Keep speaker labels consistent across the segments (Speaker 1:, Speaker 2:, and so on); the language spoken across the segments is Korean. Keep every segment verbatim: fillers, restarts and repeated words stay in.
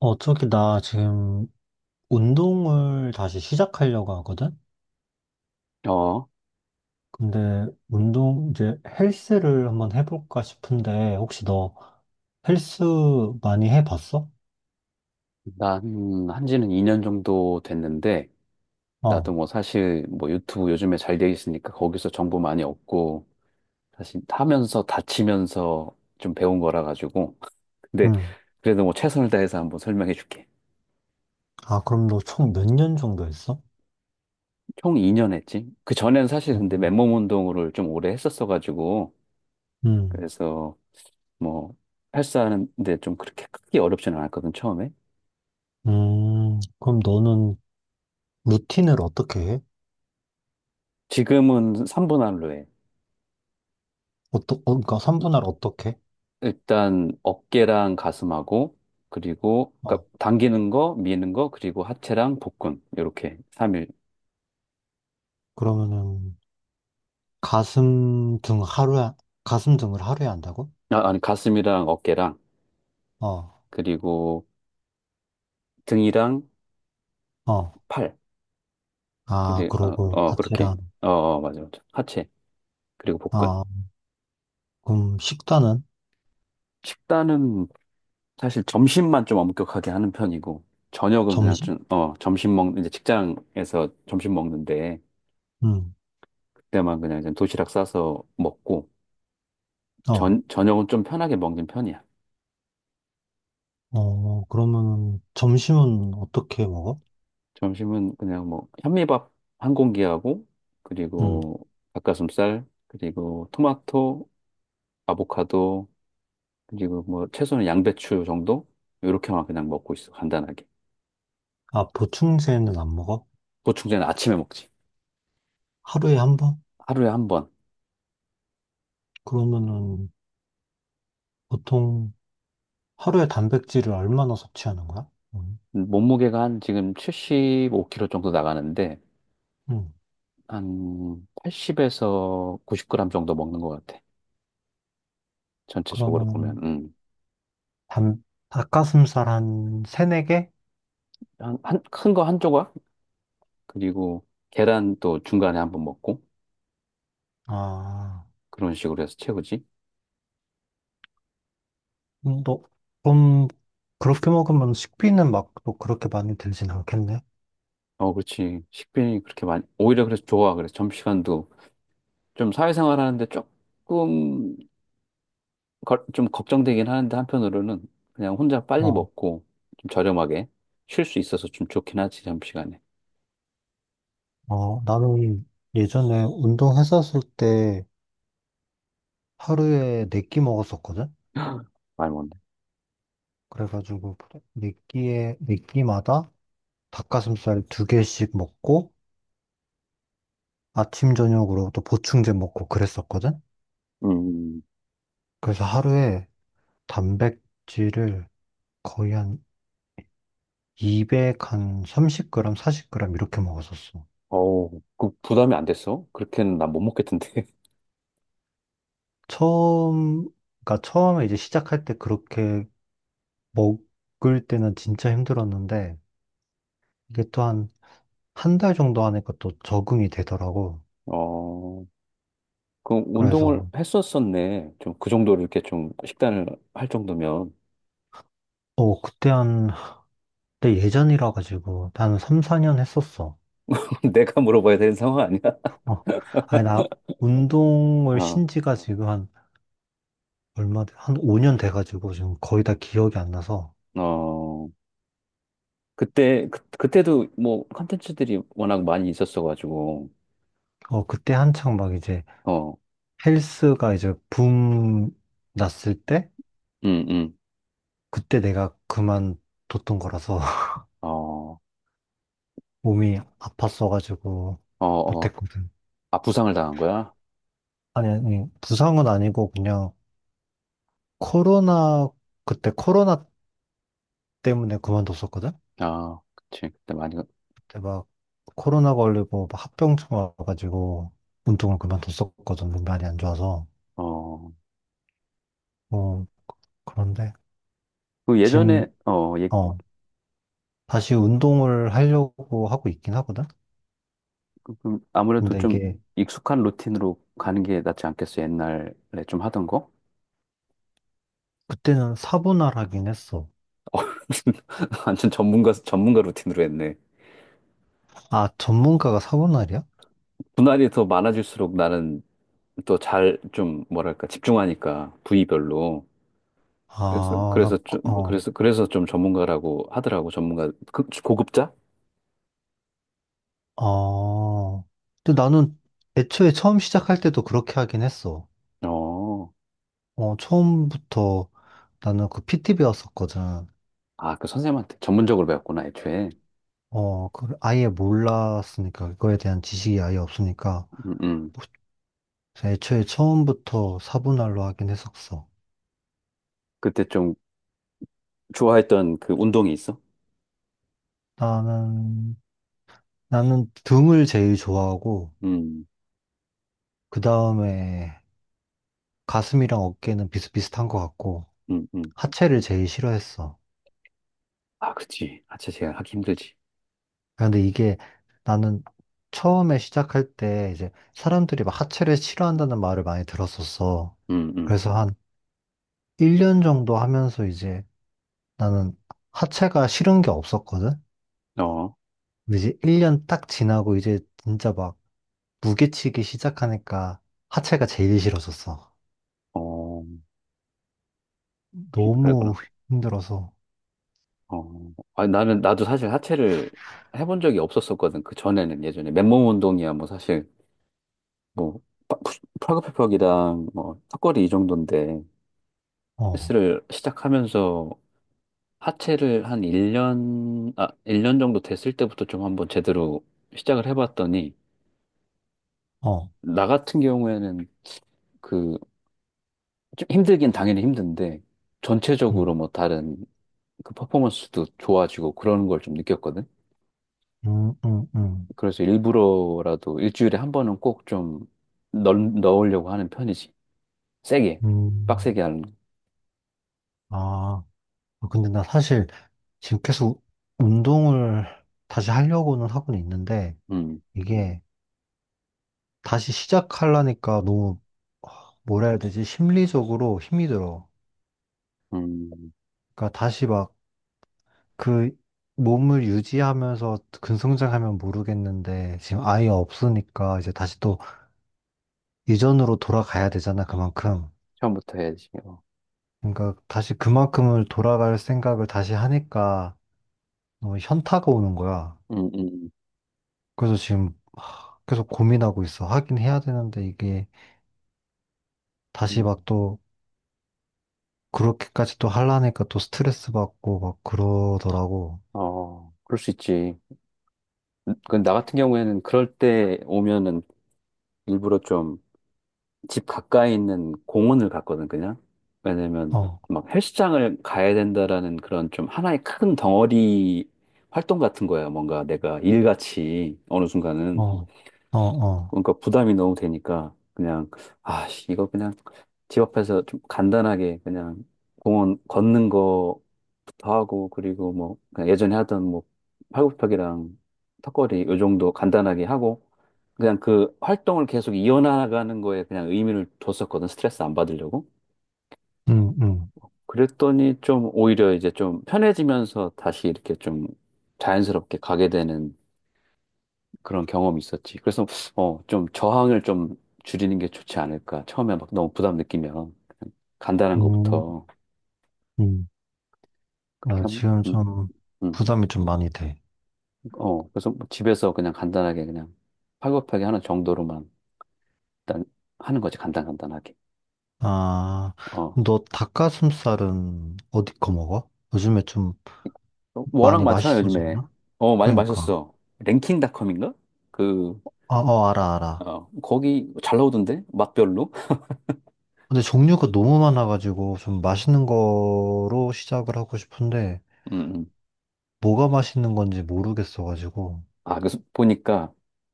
Speaker 1: 어, 저기, 나 지금 운동을 다시 시작하려고 하거든?
Speaker 2: 어,
Speaker 1: 근데 운동, 이제 헬스를 한번 해볼까 싶은데, 혹시 너 헬스 많이 해봤어?
Speaker 2: 난 한지는 이 년 정도 됐는데,
Speaker 1: 어,
Speaker 2: 나도 뭐 사실 뭐 유튜브 요즘에 잘 돼 있으니까 거기서 정보 많이 얻고, 사실 하면서 다치면서 좀 배운 거라 가지고. 근데
Speaker 1: 음.
Speaker 2: 그래도 뭐 최선을 다해서 한번 설명해 줄게.
Speaker 1: 아, 그럼 너 총 몇 년 정도 했어?
Speaker 2: 총 이 년 했지? 그 전에는 사실
Speaker 1: 어,
Speaker 2: 근데 맨몸 운동을 좀 오래 했었어 가지고,
Speaker 1: 음,
Speaker 2: 그래서 뭐 헬스하는데 좀 그렇게 크게 어렵지는 않았거든, 처음에.
Speaker 1: 음. 그럼 너는 루틴을 어떻게 해?
Speaker 2: 지금은 삼 분 할로 해.
Speaker 1: 어떠, 어, 그러니까 삼분할 어떻게 해?
Speaker 2: 일단 어깨랑 가슴하고 그리고
Speaker 1: 어,
Speaker 2: 그러니까 당기는 거, 미는 거, 그리고 하체랑 복근 이렇게 삼일.
Speaker 1: 그러면은 가슴 등 하루에, 가슴 등을 하루에 한다고?
Speaker 2: 아, 아니 가슴이랑 어깨랑
Speaker 1: 어,
Speaker 2: 그리고 등이랑
Speaker 1: 어,
Speaker 2: 팔.
Speaker 1: 아,
Speaker 2: 그리고 어,
Speaker 1: 그러고
Speaker 2: 어 그렇게.
Speaker 1: 하체랑.
Speaker 2: 어, 어 맞아 맞아. 하체 그리고 복근.
Speaker 1: 어, 그럼 식단은?
Speaker 2: 식단은 사실 점심만 좀 엄격하게 하는 편이고, 저녁은 그냥
Speaker 1: 점심?
Speaker 2: 좀 어 점심 먹 이제 직장에서 점심 먹는데
Speaker 1: 응.
Speaker 2: 그때만 그냥 이제 도시락 싸서 먹고,
Speaker 1: 어.
Speaker 2: 전 저녁은 좀 편하게 먹는 편이야.
Speaker 1: 어, 그러면 점심은 어떻게 먹어?
Speaker 2: 점심은 그냥 뭐 현미밥 한 공기하고
Speaker 1: 응.
Speaker 2: 그리고 닭가슴살 그리고 토마토, 아보카도, 그리고 뭐 채소는 양배추 정도 이렇게만 그냥 먹고 있어 간단하게.
Speaker 1: 아, 보충제는 안 먹어?
Speaker 2: 보충제는 아침에 먹지.
Speaker 1: 하루에 한 번?
Speaker 2: 하루에 한 번.
Speaker 1: 그러면은 보통 하루에 단백질을 얼마나 섭취하는 거야? 응.
Speaker 2: 몸무게가 한 지금 칠십오 킬로그램 정도 나가는데
Speaker 1: 응.
Speaker 2: 한 팔십에서 구십 그램 정도 먹는 것 같아, 전체적으로 보면.
Speaker 1: 그러면
Speaker 2: 음.
Speaker 1: 단, 닭가슴살 한 세네 개?
Speaker 2: 한, 한, 큰 거 한 조각 그리고 계란 또 중간에 한번 먹고
Speaker 1: 아,
Speaker 2: 그런 식으로 해서 채우지.
Speaker 1: 음, 너, 그럼 그렇게 먹으면 식비는 막 또 그렇게 많이 들진 않겠네?
Speaker 2: 어, 그렇지. 식빈이 그렇게 많이, 오히려 그래서 좋아. 그래서 점심시간도 좀 사회생활 하는데 조금, 거- 좀 걱정되긴 하는데 한편으로는 그냥 혼자 빨리
Speaker 1: 어,
Speaker 2: 먹고 좀 저렴하게 쉴 수 있어서 좀 좋긴 하지, 점심시간에.
Speaker 1: 어. 나는 예전에 운동했었을 때 하루에 네끼 먹었었거든?
Speaker 2: 많이 먹네.
Speaker 1: 그래가지고 네 끼에 네 끼마다 닭가슴살 두 개씩 먹고 아침 저녁으로 또 보충제 먹고 그랬었거든?
Speaker 2: 음,
Speaker 1: 그래서 하루에 단백질을 거의 한 이백, 한 삼십 그램, 사십 그램 이렇게 먹었었어.
Speaker 2: 어우, 그 부담이 안 됐어? 그렇게는 난 못 먹겠던데.
Speaker 1: 처음, 그러니까 처음에 이제 시작할 때 그렇게 먹을 때는 진짜 힘들었는데 이게 또한 한 달 정도 하니까 또 적응이 되더라고.
Speaker 2: 어, 그
Speaker 1: 그래서
Speaker 2: 운동을 했었었네. 좀 그 정도로 이렇게 좀 식단을 할 정도면.
Speaker 1: 어, 그때 한 근데 예전이라 가지고 나는 삼, 사 년 했었어.
Speaker 2: 내가 물어봐야 되는 상황 아니야?
Speaker 1: 어. 아니 나 운동을
Speaker 2: 아,
Speaker 1: 쉰 지가 지금 한 얼마 돼- 한 오 년 돼 가지고 지금 거의 다 기억이 안 나서
Speaker 2: 어. 그때 그, 그때도 뭐 컨텐츠들이 워낙 많이 있었어가지고.
Speaker 1: 어, 그때 한창 막 이제
Speaker 2: 어,
Speaker 1: 헬스가 이제 붐 났을 때
Speaker 2: 음, 음,
Speaker 1: 그때 내가 그만뒀던 거라서
Speaker 2: 어,
Speaker 1: 몸이 아팠어 가지고
Speaker 2: 어, 어,
Speaker 1: 못했거든.
Speaker 2: 아 부상을 당한 거야?
Speaker 1: 아니 아니 부상은 아니고 그냥 코로나 그때 코로나 때문에 그만뒀었거든.
Speaker 2: 아, 그치 그때 많이.
Speaker 1: 그때 막 코로나 걸리고 막 합병증 와가지고 운동을 그만뒀었거든. 몸이 이안 좋아서.
Speaker 2: 어,
Speaker 1: 어, 그런데
Speaker 2: 그 예전에
Speaker 1: 지금,
Speaker 2: 어, 얘
Speaker 1: 어, 다시 운동을 하려고 하고 있긴 하거든.
Speaker 2: 좀 아무래도
Speaker 1: 근데
Speaker 2: 좀
Speaker 1: 이게
Speaker 2: 익숙한 루틴으로 가는 게 낫지 않겠어? 옛날에 좀 하던 거?
Speaker 1: 그때는 사분할 하긴 했어.
Speaker 2: 완전 전문가 전문가 루틴으로 했네.
Speaker 1: 아, 전문가가 사분할이야?
Speaker 2: 분할이 더 많아질수록 나는 또 잘 좀 뭐랄까 집중하니까 부위별로. 그래서
Speaker 1: 아, 나,
Speaker 2: 그래서 좀
Speaker 1: 어,
Speaker 2: 그래서 그래서 좀 전문가라고 하더라고. 전문가 그, 고급자?
Speaker 1: 어. 근데 나는 애초에 처음 시작할 때도 그렇게 하긴 했어.
Speaker 2: 어.
Speaker 1: 어, 처음부터 나는 그 피티 배웠었거든.
Speaker 2: 아, 그 선생님한테 전문적으로 배웠구나 애초에.
Speaker 1: 어, 그 아예 몰랐으니까, 그거에 대한 지식이 아예 없으니까,
Speaker 2: 음, 음.
Speaker 1: 뭐, 그래서 애초에 처음부터 사분할로 하긴 했었어.
Speaker 2: 그때 좀 좋아했던 그 운동이 있어?
Speaker 1: 나는, 나는 등을 제일 좋아하고,
Speaker 2: 음,
Speaker 1: 그 다음에 가슴이랑 어깨는 비슷비슷한 것 같고,
Speaker 2: 음, 음.
Speaker 1: 하체를 제일 싫어했어.
Speaker 2: 아, 그치. 하체 제가 하기 힘들지.
Speaker 1: 근데 이게 나는 처음에 시작할 때 이제 사람들이 막 하체를 싫어한다는 말을 많이 들었었어.
Speaker 2: 음, 음.
Speaker 1: 그래서 한 일 년 정도 하면서 이제 나는 하체가 싫은 게 없었거든?
Speaker 2: 어,
Speaker 1: 근데 이제 일 년 딱 지나고 이제 진짜 막 무게치기 시작하니까 하체가 제일 싫어졌어.
Speaker 2: 어, 그-
Speaker 1: 너무
Speaker 2: 그랬구나.
Speaker 1: 힘들어서.
Speaker 2: 어, 아, 나는 나도 사실 하체를 해본 적이 없었었거든. 그 전에는 예전에 맨몸 운동이야 뭐 사실 뭐 파- 푸 팔굽혀펴기랑 뭐 턱걸이 이 정도인데.
Speaker 1: 어,
Speaker 2: 헬스를 시작하면서 하체를 한 일 년, 아, 일 년 정도 됐을 때부터 좀 한번 제대로 시작을 해봤더니,
Speaker 1: 어,
Speaker 2: 나 같은 경우에는 그, 좀 힘들긴 당연히 힘든데, 전체적으로
Speaker 1: 음,
Speaker 2: 뭐 다른 그 퍼포먼스도 좋아지고 그런 걸 좀 느꼈거든?
Speaker 1: 음, 음, 음,
Speaker 2: 그래서 일부러라도 일주일에 한 번은 꼭 좀 넣으려고 하는 편이지. 세게,
Speaker 1: 음.
Speaker 2: 빡세게 하는 거.
Speaker 1: 아, 아, 근데 나 사실 지금 계속 운동을 다시 하려고는 하고는 있는데
Speaker 2: 음,
Speaker 1: 이게 다시 시작하려니까 너무 뭐라 해야 되지? 심리적으로 힘이 들어.
Speaker 2: 음,
Speaker 1: 그러니까 다시 막 그 몸을 유지하면서 근성장하면 모르겠는데 지금 아예 없으니까 이제 다시 또 이전으로 돌아가야 되잖아, 그만큼.
Speaker 2: 처음부터 해야지. 어.
Speaker 1: 그러니까 다시 그만큼을 돌아갈 생각을 다시 하니까 너무 현타가 오는 거야.
Speaker 2: 음, 음,
Speaker 1: 그래서 지금 하, 계속 고민하고 있어. 하긴 해야 되는데 이게 다시
Speaker 2: 음.
Speaker 1: 막 또 그렇게까지 또 하려니까 또 스트레스 받고 막 그러더라고.
Speaker 2: 어, 그럴 수 있지. 그 나 같은 경우에는 그럴 때 오면은 일부러 좀 집 가까이 있는 공원을 갔거든, 그냥. 왜냐면
Speaker 1: 어,
Speaker 2: 막 헬스장을 가야 된다라는 그런 좀 하나의 큰 덩어리 활동 같은 거야. 뭔가 내가 일같이 어느 순간은.
Speaker 1: 어, 어, 어.
Speaker 2: 그러니까 부담이 너무 되니까 그냥 아 씨, 이거 그냥 집 앞에서 좀 간단하게 그냥 공원 걷는 거부터 하고 그리고 뭐 그냥 예전에 하던 뭐 팔굽혀펴기랑 턱걸이 요 정도 간단하게 하고 그냥 그 활동을 계속 이어나가는 거에 그냥 의미를 뒀었거든, 스트레스 안 받으려고.
Speaker 1: 음, 음,
Speaker 2: 그랬더니 좀 오히려 이제 좀 편해지면서 다시 이렇게 좀 자연스럽게 가게 되는 그런 경험이 있었지. 그래서 어, 좀 저항을 좀 줄이는 게 좋지 않을까. 처음에 막 너무 부담 느끼면 그냥 간단한 거부
Speaker 1: 음,
Speaker 2: 터
Speaker 1: 음.
Speaker 2: 그렇게
Speaker 1: 아,
Speaker 2: 하면.
Speaker 1: 지금
Speaker 2: 음,
Speaker 1: 좀
Speaker 2: 음.
Speaker 1: 부담이 좀 많이 돼.
Speaker 2: 어, 그래서 뭐 집에서 그냥 간단하게 그냥 팔굽혀펴기 하는 정도로만 일단 하는 거지. 간단 간단하게.
Speaker 1: 아,
Speaker 2: 어.
Speaker 1: 그럼 너 닭가슴살은 어디 거 먹어? 요즘에 좀
Speaker 2: 워낙
Speaker 1: 많이
Speaker 2: 많잖아, 요즘에.
Speaker 1: 맛있어졌나?
Speaker 2: 어, 많이
Speaker 1: 그러니까.
Speaker 2: 마셨어. 랭킹닷컴인가? 그
Speaker 1: 아, 어, 알아, 알아.
Speaker 2: 어, 거기 잘 나오던데? 맛별로?
Speaker 1: 근데 종류가 너무 많아가지고 좀 맛있는 거로 시작을 하고 싶은데
Speaker 2: 음.
Speaker 1: 뭐가 맛있는 건지 모르겠어가지고.
Speaker 2: 아, 그, 수- 보니까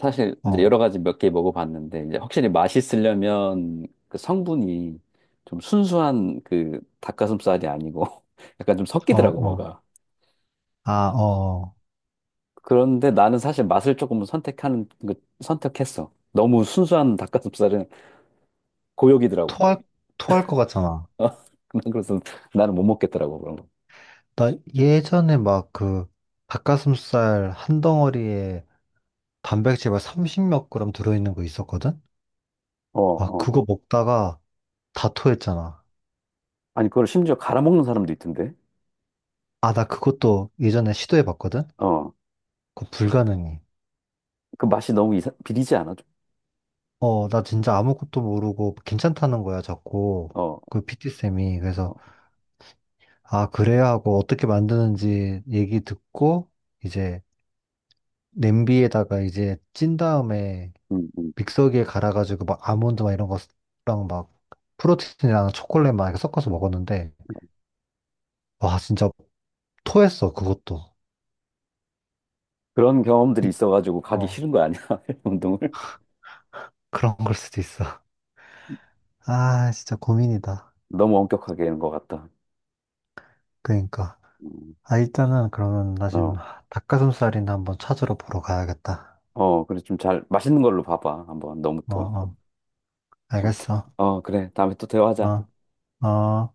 Speaker 2: 사실 이제
Speaker 1: 어,
Speaker 2: 여러 가지 몇 개 먹어봤는데 이제 확실히 맛있으려면 그 성분이 좀 순수한 그 닭가슴살이 아니고 약간 좀
Speaker 1: 어,
Speaker 2: 섞이더라고
Speaker 1: 어.
Speaker 2: 뭐가.
Speaker 1: 아, 어. 어.
Speaker 2: 그런데 나는 사실 맛을 조금 선택하는 그 선택했어. 너무 순수한 닭가슴살은 고역이더라고.
Speaker 1: 토할, 토할 것 같잖아.
Speaker 2: 어, 그래서 나는 못 먹겠더라고 그런 거.
Speaker 1: 나 예전에 막 그 닭가슴살 한 덩어리에 단백질 막 삼십 몇 그램 들어있는 거 있었거든?
Speaker 2: 어,
Speaker 1: 아,
Speaker 2: 어.
Speaker 1: 그거 먹다가 다 토했잖아.
Speaker 2: 아니 그걸 심지어 갈아 먹는 사람도 있던데.
Speaker 1: 아, 나 그것도 예전에 시도해봤거든?
Speaker 2: 어.
Speaker 1: 그거 불가능해.
Speaker 2: 그 맛이 너무 이상, 비리지 않아? 좀?
Speaker 1: 어, 나 진짜 아무것도 모르고 괜찮다는 거야, 자꾸.
Speaker 2: 어,
Speaker 1: 그 피티쌤이. 그래서,
Speaker 2: 어.
Speaker 1: 아, 그래야 하고 어떻게 만드는지 얘기 듣고, 이제 냄비에다가 이제 찐 다음에
Speaker 2: 음, 음.
Speaker 1: 믹서기에 갈아가지고 막 아몬드 막 이런 거랑 막 프로틴이랑 초콜릿 막 이렇게 섞어서 먹었는데, 와, 진짜 토했어, 그것도.
Speaker 2: 그런 경험들이 있어가지고 가기
Speaker 1: 어,
Speaker 2: 싫은 거 아니야? 운동을
Speaker 1: 그런 걸 수도 있어. 아, 진짜 고민이다.
Speaker 2: 너무 엄격하게 하는 것 같다.
Speaker 1: 그러니까.
Speaker 2: 음,
Speaker 1: 아, 일단은 그러면 나 지금
Speaker 2: 어,
Speaker 1: 닭가슴살이나 한번 찾으러 보러 가야겠다.
Speaker 2: 어, 그래 좀 잘 맛있는 걸로 봐봐. 한번 너무
Speaker 1: 어,
Speaker 2: 또,
Speaker 1: 어,
Speaker 2: 어,
Speaker 1: 알겠어.
Speaker 2: 어, 그래 다음에 또 대화하자.
Speaker 1: 어, 어.